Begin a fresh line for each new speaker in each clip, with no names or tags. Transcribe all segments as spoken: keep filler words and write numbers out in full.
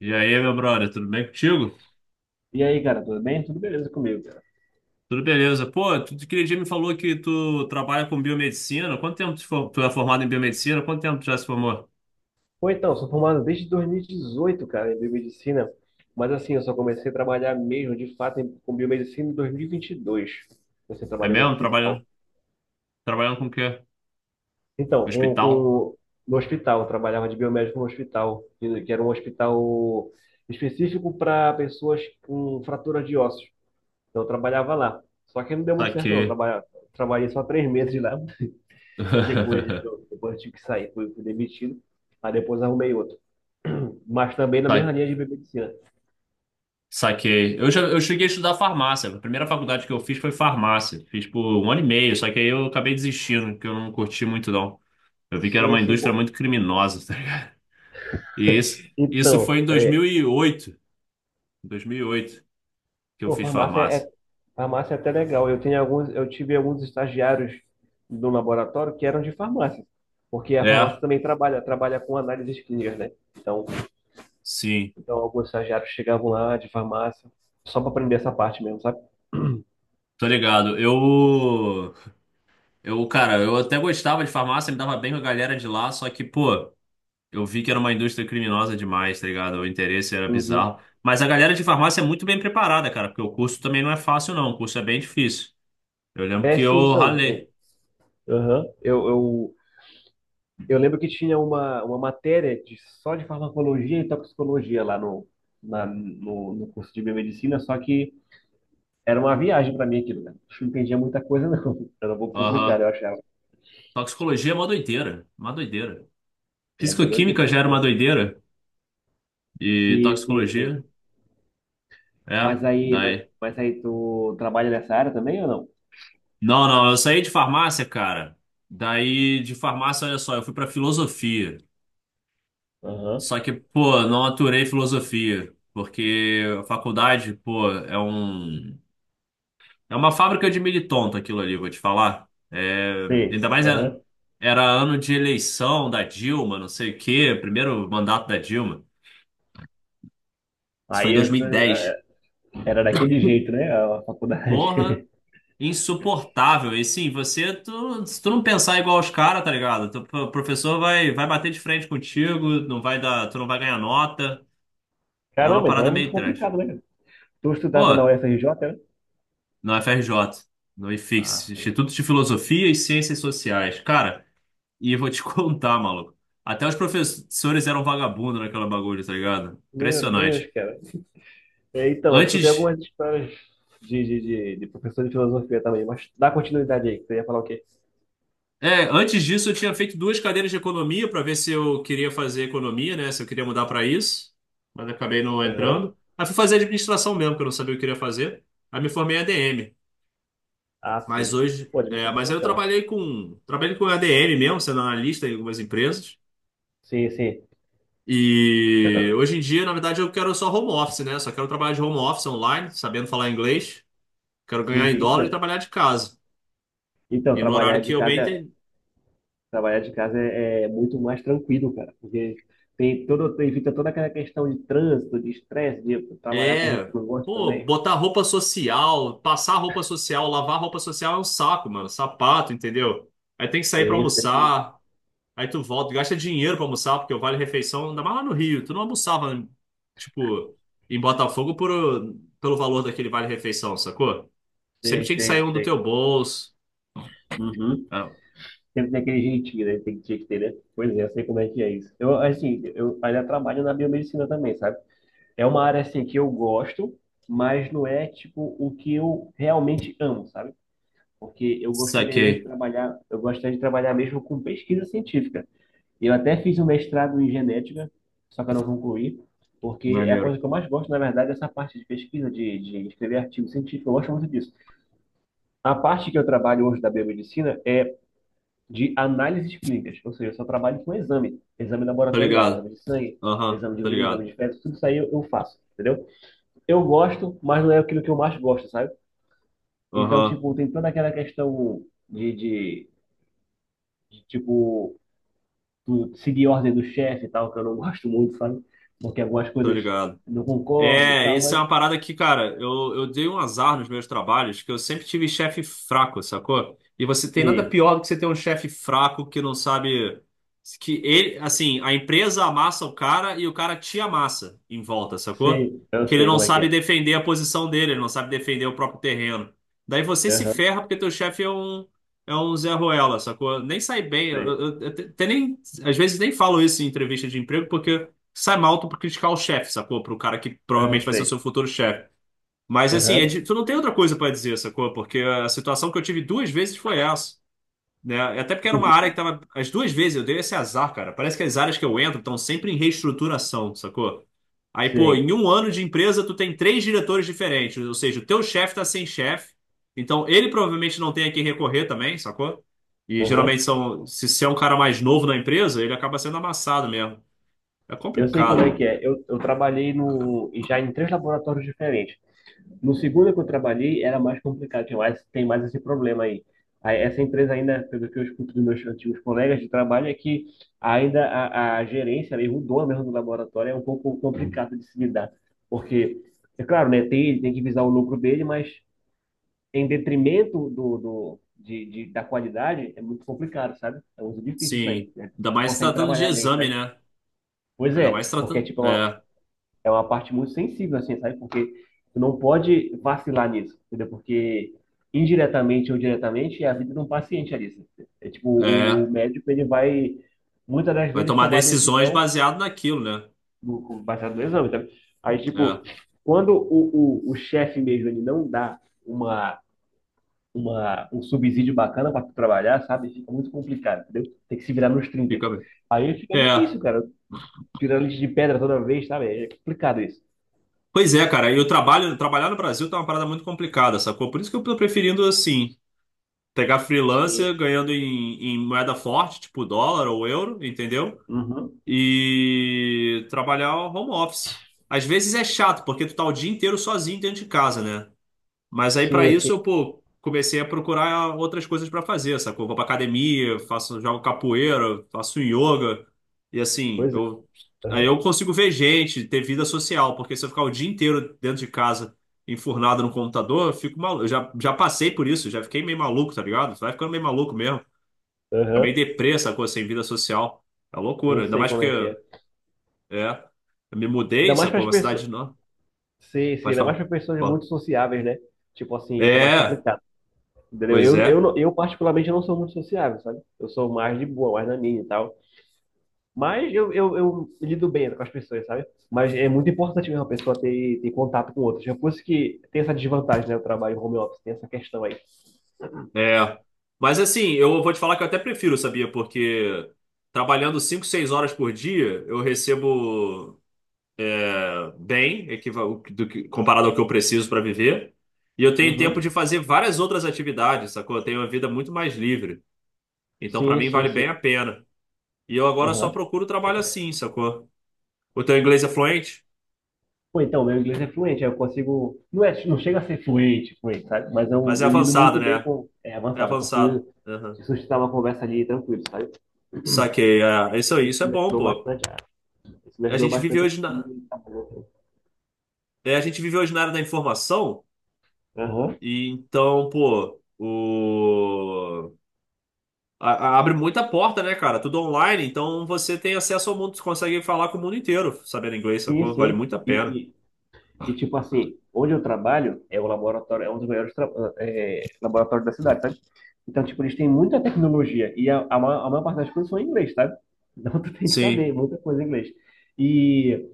E aí, meu brother, tudo bem contigo?
E aí, cara, tudo bem? Tudo beleza comigo, cara?
Tudo beleza. Pô, tu aquele dia me falou que tu trabalha com biomedicina. Quanto tempo tu, for- tu é formado em biomedicina? Quanto tempo tu já se formou?
Pô, então, sou formado desde dois mil e dezoito, cara, em biomedicina, mas assim, eu só comecei a trabalhar mesmo, de fato, em- com biomedicina em dois mil e vinte e dois. Comecei a
É
trabalhar no
mesmo?
hospital.
Trabalhando, trabalhando com o quê? No
Então, com,
hospital?
com- no hospital, eu trabalhava de biomédico no hospital, que que era um hospital específico para pessoas com fratura de ossos. Então, eu trabalhava lá. Só que não deu muito certo, não. Eu
Saquei.
trabalha- trabalhei só três meses lá, depois, eu- depois eu tive que sair, fui, fui demitido. Aí depois arrumei outro, mas também na mesma
Sa-
linha de biomedicina.
Saquei. Eu, já, eu cheguei a estudar farmácia. A primeira faculdade que eu fiz foi farmácia. Fiz por um ano e meio, só que aí eu acabei desistindo, porque eu não curti muito, não. Eu vi que era
Sim,
uma
assim,
indústria
pô.
muito criminosa. Tá ligado? E isso, isso foi
Então,
em
é,
dois mil e oito. Em dois mil e oito que eu
pô,
fiz
farmácia
farmácia.
é, farmácia é até legal. Eu tenho alguns, eu tive alguns estagiários do laboratório que eram de farmácia, porque a
É.
farmácia também trabalha, trabalha com análises clínicas, né? Então,
Sim,
então alguns estagiários chegavam lá de farmácia só para aprender essa parte mesmo, sabe?
tô ligado. Eu, eu, cara, eu até gostava de farmácia, me dava bem com a galera de lá, só que, pô, eu vi que era uma indústria criminosa demais, tá ligado? O interesse era
Uhum.
bizarro. Mas a galera de farmácia é muito bem preparada, cara, porque o curso também não é fácil, não. O curso é bem difícil. Eu lembro
É,
que
sim,
eu
então, eu,
ralei.
aham, eu, eu Eu lembro que tinha uma, uma matéria de, só de farmacologia e toxicologia lá no, na- no, no curso de biomedicina, só que era uma viagem para mim aquilo, né? Não entendia muita coisa, não. Era um pouco complicado,
Aham.
eu achava.
Toxicologia é uma doideira, uma doideira.
E é muito doideira
Fisicoquímica já era uma
toxicologia.
doideira e
Sim, sim, sim.
toxicologia, é,
Mas aí, mas,
daí.
mas aí tu trabalha nessa área também ou não?
Não, não, eu saí de farmácia, cara. Daí, de farmácia, olha só, eu fui pra filosofia.
Aham.
Só que, pô, não aturei filosofia, porque a faculdade, pô, é um é uma fábrica de militonto aquilo ali, vou te falar. É,
Sim.
ainda mais era,
Aham.
era ano de eleição da Dilma, não sei o quê, primeiro mandato da Dilma. Isso foi em
Aí essa,
dois mil e dez.
eh, era daquele jeito, né? A faculdade.
Porra, insuportável. E sim, você, tu, se tu não pensar igual os caras, tá ligado? Tu- O professor vai, vai bater de frente contigo, não vai dar, tu não vai ganhar nota. É uma
Caramba, então é
parada
muito
meio trash.
complicado, né, cara? Tu estudava na
Pô.
U F R J, né?
No F R J, no ifix,
Ah, sim.
Instituto de Filosofia e Ciências Sociais. Cara, e eu vou te contar, maluco. Até os professores eram vagabundos naquela bagulho, tá ligado?
Meu Deus,
Impressionante.
cara. É, então, eu escutei
Antes,
algumas histórias de, de, de, de professor de filosofia também, mas dá continuidade aí, que você ia falar o quê?
é, antes disso eu tinha feito duas cadeiras de economia para ver se eu queria fazer economia, né? Se eu queria mudar para isso, mas acabei não
Aham.
entrando. Aí fui fazer administração mesmo, porque eu não sabia o que eu queria fazer. Aí me formei em A D M,
Ah,
mas
sim.
hoje,
Pô,
é,
administração é
mas aí eu
bacana.
trabalhei com, trabalhei com A D M mesmo, sendo analista em algumas empresas.
Sim, sim.
E hoje em dia, na verdade, eu quero só home office, né? Só quero trabalhar de home office online, sabendo falar inglês. Quero
Sim,
ganhar em
sim.
dólar e
Então,
trabalhar de casa.
então
E no horário
trabalhar
que
de
eu bem
casa, é-
entendo,
trabalhar de casa é, é muito mais tranquilo, cara, porque tem todo, tem- evita toda aquela questão de trânsito, de estresse, de trabalhar com gente
é,
que não gosta
pô,
também.
botar roupa social, passar roupa social, lavar roupa social é um saco, mano. Sapato, entendeu? Aí tem que sair pra
Sei, sei,
almoçar, aí tu volta, gasta dinheiro pra almoçar, porque o vale refeição, ainda mais lá no Rio, tu não almoçava, tipo, em Botafogo por, pelo valor daquele vale refeição, sacou? Sempre
sei,
tinha que sair
sei,
um do
sei.
teu bolso.
Uhum. Sempre tem aquele jeitinho, né? Tem que tinha que ter, né? Pois é, eu sei como é que é isso. Eu, assim, eu ainda trabalho na biomedicina também, sabe? É uma área assim que eu gosto, mas não é tipo o que eu realmente amo, sabe? Porque eu gostaria mesmo de
Saquei.
trabalhar, eu gostaria de trabalhar mesmo com pesquisa científica. Eu até fiz um mestrado em genética, só que eu não concluí, porque é a coisa
Maneiro.
que eu mais gosto, na verdade, é essa parte de pesquisa, de, de escrever artigo científico, eu gosto muito disso. A parte que eu trabalho hoje da biomedicina é de análises clínicas, ou seja, eu só trabalho com exame, exame
Tô
laboratorial,
ligado.
exame de sangue,
Aham,
exame de
tô
urina, exame
ligado.
de fezes, tudo isso aí eu eu faço, entendeu? Eu gosto, mas não é aquilo que eu mais gosto, sabe? Então,
Aham,
tipo, tem toda aquela questão de, de, de, tipo, tu seguir a ordem do chefe e tal, que eu não gosto muito, sabe? Porque algumas
tô
coisas
ligado.
eu não concordo e
É,
tal,
isso é
mas
uma parada que, cara, eu, eu dei um azar nos meus trabalhos, que eu sempre tive chefe fraco, sacou? E você tem nada
sei,
pior do que você ter um chefe fraco que não sabe que ele, assim, a empresa amassa o cara e o cara te amassa em volta, sacou?
sei, eu
Que ele
sei
não
como é que
sabe
é.
defender a posição dele, ele não sabe defender o próprio terreno. Daí você se
Aham,
ferra porque teu chefe é um é um Zé Ruela, sacou? Nem sai bem, eu,
sei,
eu, eu te- te nem às vezes nem falo isso em entrevista de emprego porque sai mal tu por criticar o chefe, sacou? Pro cara que
eu
provavelmente vai ser o
sei,
seu futuro chefe. Mas assim, é
aham,
de- tu não tem outra coisa pra dizer, sacou? Porque a situação que eu tive duas vezes foi essa, né? Até porque era uma
uhum,
área que tava. As duas vezes eu dei esse azar, cara. Parece que as áreas que eu entro estão sempre em reestruturação, sacou? Aí, pô,
sei,
em um ano de empresa, tu tem três diretores diferentes. Ou seja, o teu chefe tá sem chefe. Então, ele provavelmente não tem a quem recorrer também, sacou? E
aham.
geralmente são, se, se é um cara mais novo na empresa, ele acaba sendo amassado mesmo. É
Eu sei como
complicado.
é que é. Eu, eu trabalhei no, já em três laboratórios diferentes. No segundo que eu trabalhei era mais complicado, tinha mais, tem mais esse problema aí. Aí, essa empresa ainda, pelo que eu escuto dos meus antigos colegas de trabalho, é que ainda a, a gerência, mesmo o dono mesmo do laboratório, é um pouco complicado de se lidar. Porque, é claro, né, tem, ele tem que visar o lucro dele, mas em detrimento do, do, de, de- da qualidade, é muito complicado, sabe? É muito difícil isso aí,
Sim.
né?
Ainda
Não
mais se
consegue
tratando de
trabalhar bem,
exame,
sabe?
né?
Pois
Ainda mais
é,
se
porque
tratando.
tipo,
É,
é uma parte muito sensível, assim, sabe? Porque tu não pode vacilar nisso, entendeu? Porque indiretamente ou diretamente é a vida de um paciente ali, assim. É tipo, o,
é.
o médico, ele vai muitas das
Vai
vezes
tomar
tomar a
decisões
decisão
baseado naquilo, né?
do, baseado no exame, tá? Aí,
É,
tipo, quando o, o, o chefe mesmo, ele não dá uma, uma, um subsídio bacana para tu trabalhar, sabe? Fica muito complicado, entendeu? Tem que se virar nos trinta.
fica bem.
Aí fica
É.
difícil, cara. Tirando leite de pedra toda vez, sabe? É complicado isso.
Pois é, cara. E o trabalho, trabalhar no Brasil tá uma parada muito complicada, sacou? Por isso que eu tô preferindo, assim, pegar freelancer
Sim.
ganhando em, em moeda forte, tipo dólar ou euro, entendeu?
Uhum.
E trabalhar home office. Às vezes é chato, porque tu tá o dia inteiro sozinho dentro de casa, né? Mas aí para
Sim, assim,
isso eu, pô, comecei a procurar outras coisas para fazer, sacou? Vou pra academia, faço, jogo capoeira, faço yoga. E assim,
pois é.
eu aí
Aham,
eu consigo ver gente, ter vida social, porque se eu ficar o dia inteiro dentro de casa, enfurnado no computador, eu fico maluco. Eu já, já passei por isso, já fiquei meio maluco, tá ligado? Vai ficando meio maluco mesmo. Fica meio
aham.
deprê, sacou? Sem vida social. É loucura.
Eu
Ainda
sei
mais
como
porque,
é que é.
é, eu me
Ainda
mudei,
mais para
sacou?
as
Uma
pessoas.
cidade não.
Sim, sim,
Pode
ainda mais
falar.
para pessoas
Fala.
muito sociáveis, né? Tipo assim, isso é mais
É,
complicado. Entendeu?
pois
Eu, eu,
é.
não- eu particularmente não sou muito sociável, sabe? Eu sou mais de boa, mais na minha e tal. Mas eu, eu, eu lido bem né, com as pessoas, sabe? Mas é muito importante mesmo a pessoa ter, ter contato com outros. É por isso que tem essa desvantagem, né? O trabalho home office, tem essa questão aí.
É. Mas assim, eu vou te falar que eu até prefiro, sabia? Porque trabalhando cinco, seis horas por dia, eu recebo eh, bem, equival- do que- comparado ao que eu preciso para viver. E eu tenho tempo
Uhum.
de fazer várias outras atividades, sacou? Eu tenho uma vida muito mais livre. Então, para
Sim,
mim,
sim,
vale
sim.
bem a pena. E eu agora só procuro trabalho assim, sacou? O teu inglês é fluente,
Pô, então, meu inglês é fluente, aí eu consigo. Não, é, não chega a ser fluente, fluente, sabe? Mas eu,
mas é
eu lido
avançado,
muito bem
né?
com. É
É
avançado, eu
avançado.
consigo
Aham.
sustentar uma conversa ali tranquilo, sabe? E
Saquei. É. Isso,
Isso
isso é
me
bom,
ajudou
pô.
bastante. a- Isso me
A
ajudou
gente vive
bastante a
hoje na,
conseguir trabalhar.
é, a gente vive hoje na era da informação.
Aham.
E então, pô, o... a- a- abre muita porta, né, cara? Tudo online, então você tem acesso ao mundo, você consegue falar com o mundo inteiro sabendo inglês,
Sim,
sacou? Vale
sim.
muito a pena.
E, e, e, tipo assim, onde eu trabalho é o laboratório, é um dos maiores tra- é, laboratórios da cidade, sabe? Então, tipo, eles têm muita tecnologia e a, a, ma- a maior parte das coisas são em inglês, sabe? Então, tu tem que saber
Sim,
muita coisa em inglês. E.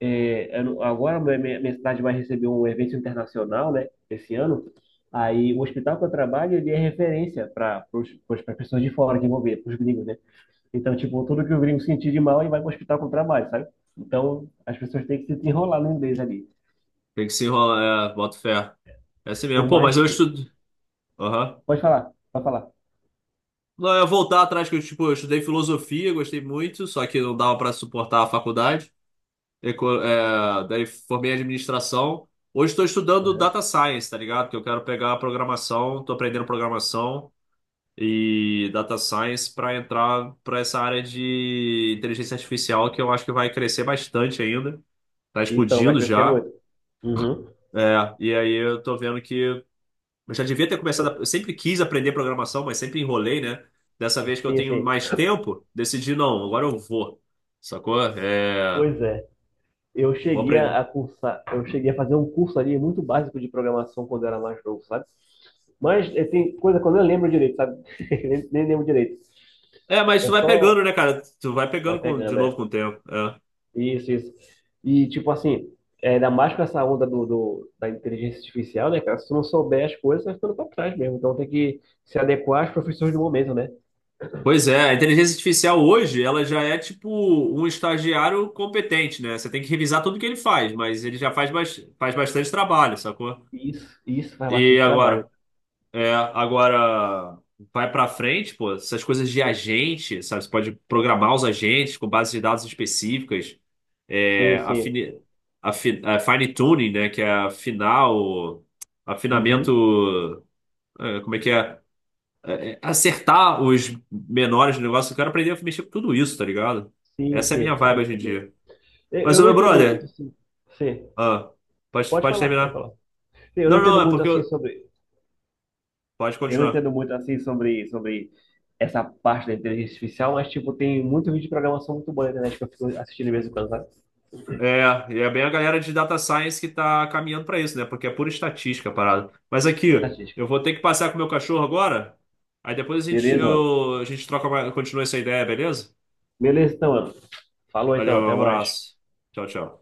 É, eu não- agora minha, minha minha cidade vai receber um evento internacional, né, esse ano. Aí o hospital que eu trabalho, ele é referência para para pessoas de fora que vão ver, para os gringos, né? Então, tipo, tudo que o gringo sentir de mal, ele vai para o hospital que eu trabalho, sabe? Então, as pessoas têm que se desenrolar no inglês ali.
tem que se enrolar, é, boto fé. É assim mesmo.
Por
Pô, mas
mais
eu
que...
estudo. Aham.
Pode falar, pode falar.
Não, eu ia voltar atrás, que eu, tipo, eu estudei filosofia, gostei muito, só que não dava pra suportar a faculdade. Eco- é, daí formei administração. Hoje estou estudando
Aham.
data science, tá ligado? Que eu quero pegar a programação, tô aprendendo programação. E data science para entrar para essa área de inteligência artificial que eu acho que vai crescer bastante ainda. Tá
Então, vai
explodindo
crescer
já.
muito. Uhum.
É, e aí eu tô vendo que eu já devia ter começado. a- Eu sempre quis aprender programação, mas sempre enrolei, né? Dessa vez que eu
Sim,
tenho
sim.
mais tempo, decidi não, agora eu vou. Sacou? É,
Pois é. Eu
vou
cheguei
aprender.
a cursar, eu cheguei a fazer um curso ali muito básico de programação quando eu era mais novo, sabe? Mas eh, tem coisa que eu nem lembro direito, sabe? Nem, nem lembro direito.
É, mas
É
tu vai
só.
pegando, né, cara? Tu vai
Vai
pegando com- de
pegando, é.
novo com o tempo. É.
Isso, isso. E, tipo assim, é, ainda mais com essa onda do, do- da inteligência artificial, né, cara? Se tu não souber as coisas, vai ficando pra trás mesmo. Então tem que se adequar às profissões do momento, né?
Pois é, a inteligência artificial hoje, ela já é tipo um estagiário competente, né? Você tem que revisar tudo que ele faz, mas ele já faz, bas- faz bastante trabalho, sacou?
E Isso, isso faz
E
bastante trabalho.
agora, é, agora vai pra frente, pô, essas coisas de agente, sabe? Você pode programar os agentes com bases de dados específicas,
Sim,
é,
sim.
afini, afi, é, fine tuning, né? Que é afinar o
Uhum.
afinamento, é, como é que é? É, é, acertar os menores do negócio. Eu quero aprender a mexer com tudo isso, tá ligado?
Sim,
Essa é a minha
sim. Cara, é
vibe hoje
muito
em
bom.
dia.
Eu,
Mas,
eu
ô
não
meu
entendo muito,
brother,
assim. Sim.
ah, pode,
Pode
pode
falar, pode
terminar.
falar. Sim, Eu não
Não,
entendo
não, é
muito
porque
assim
eu...
sobre,
Pode
eu não
continuar.
entendo muito assim sobre, sobre essa parte da inteligência artificial, mas tipo tem muito vídeo de programação muito bom na internet que eu fico assistindo de vez em quando, sabe?
É, e é bem a galera de data science que tá caminhando pra isso, né? Porque é pura estatística a parada. Mas aqui,
Estatística.
eu vou ter que passear com o meu cachorro agora. Aí depois a gente,
Beleza, mano?
eu- a gente troca, mais- continua essa ideia, beleza?
Beleza, então, mano. Falou então,
Valeu, um
até mais.
abraço. Tchau, tchau.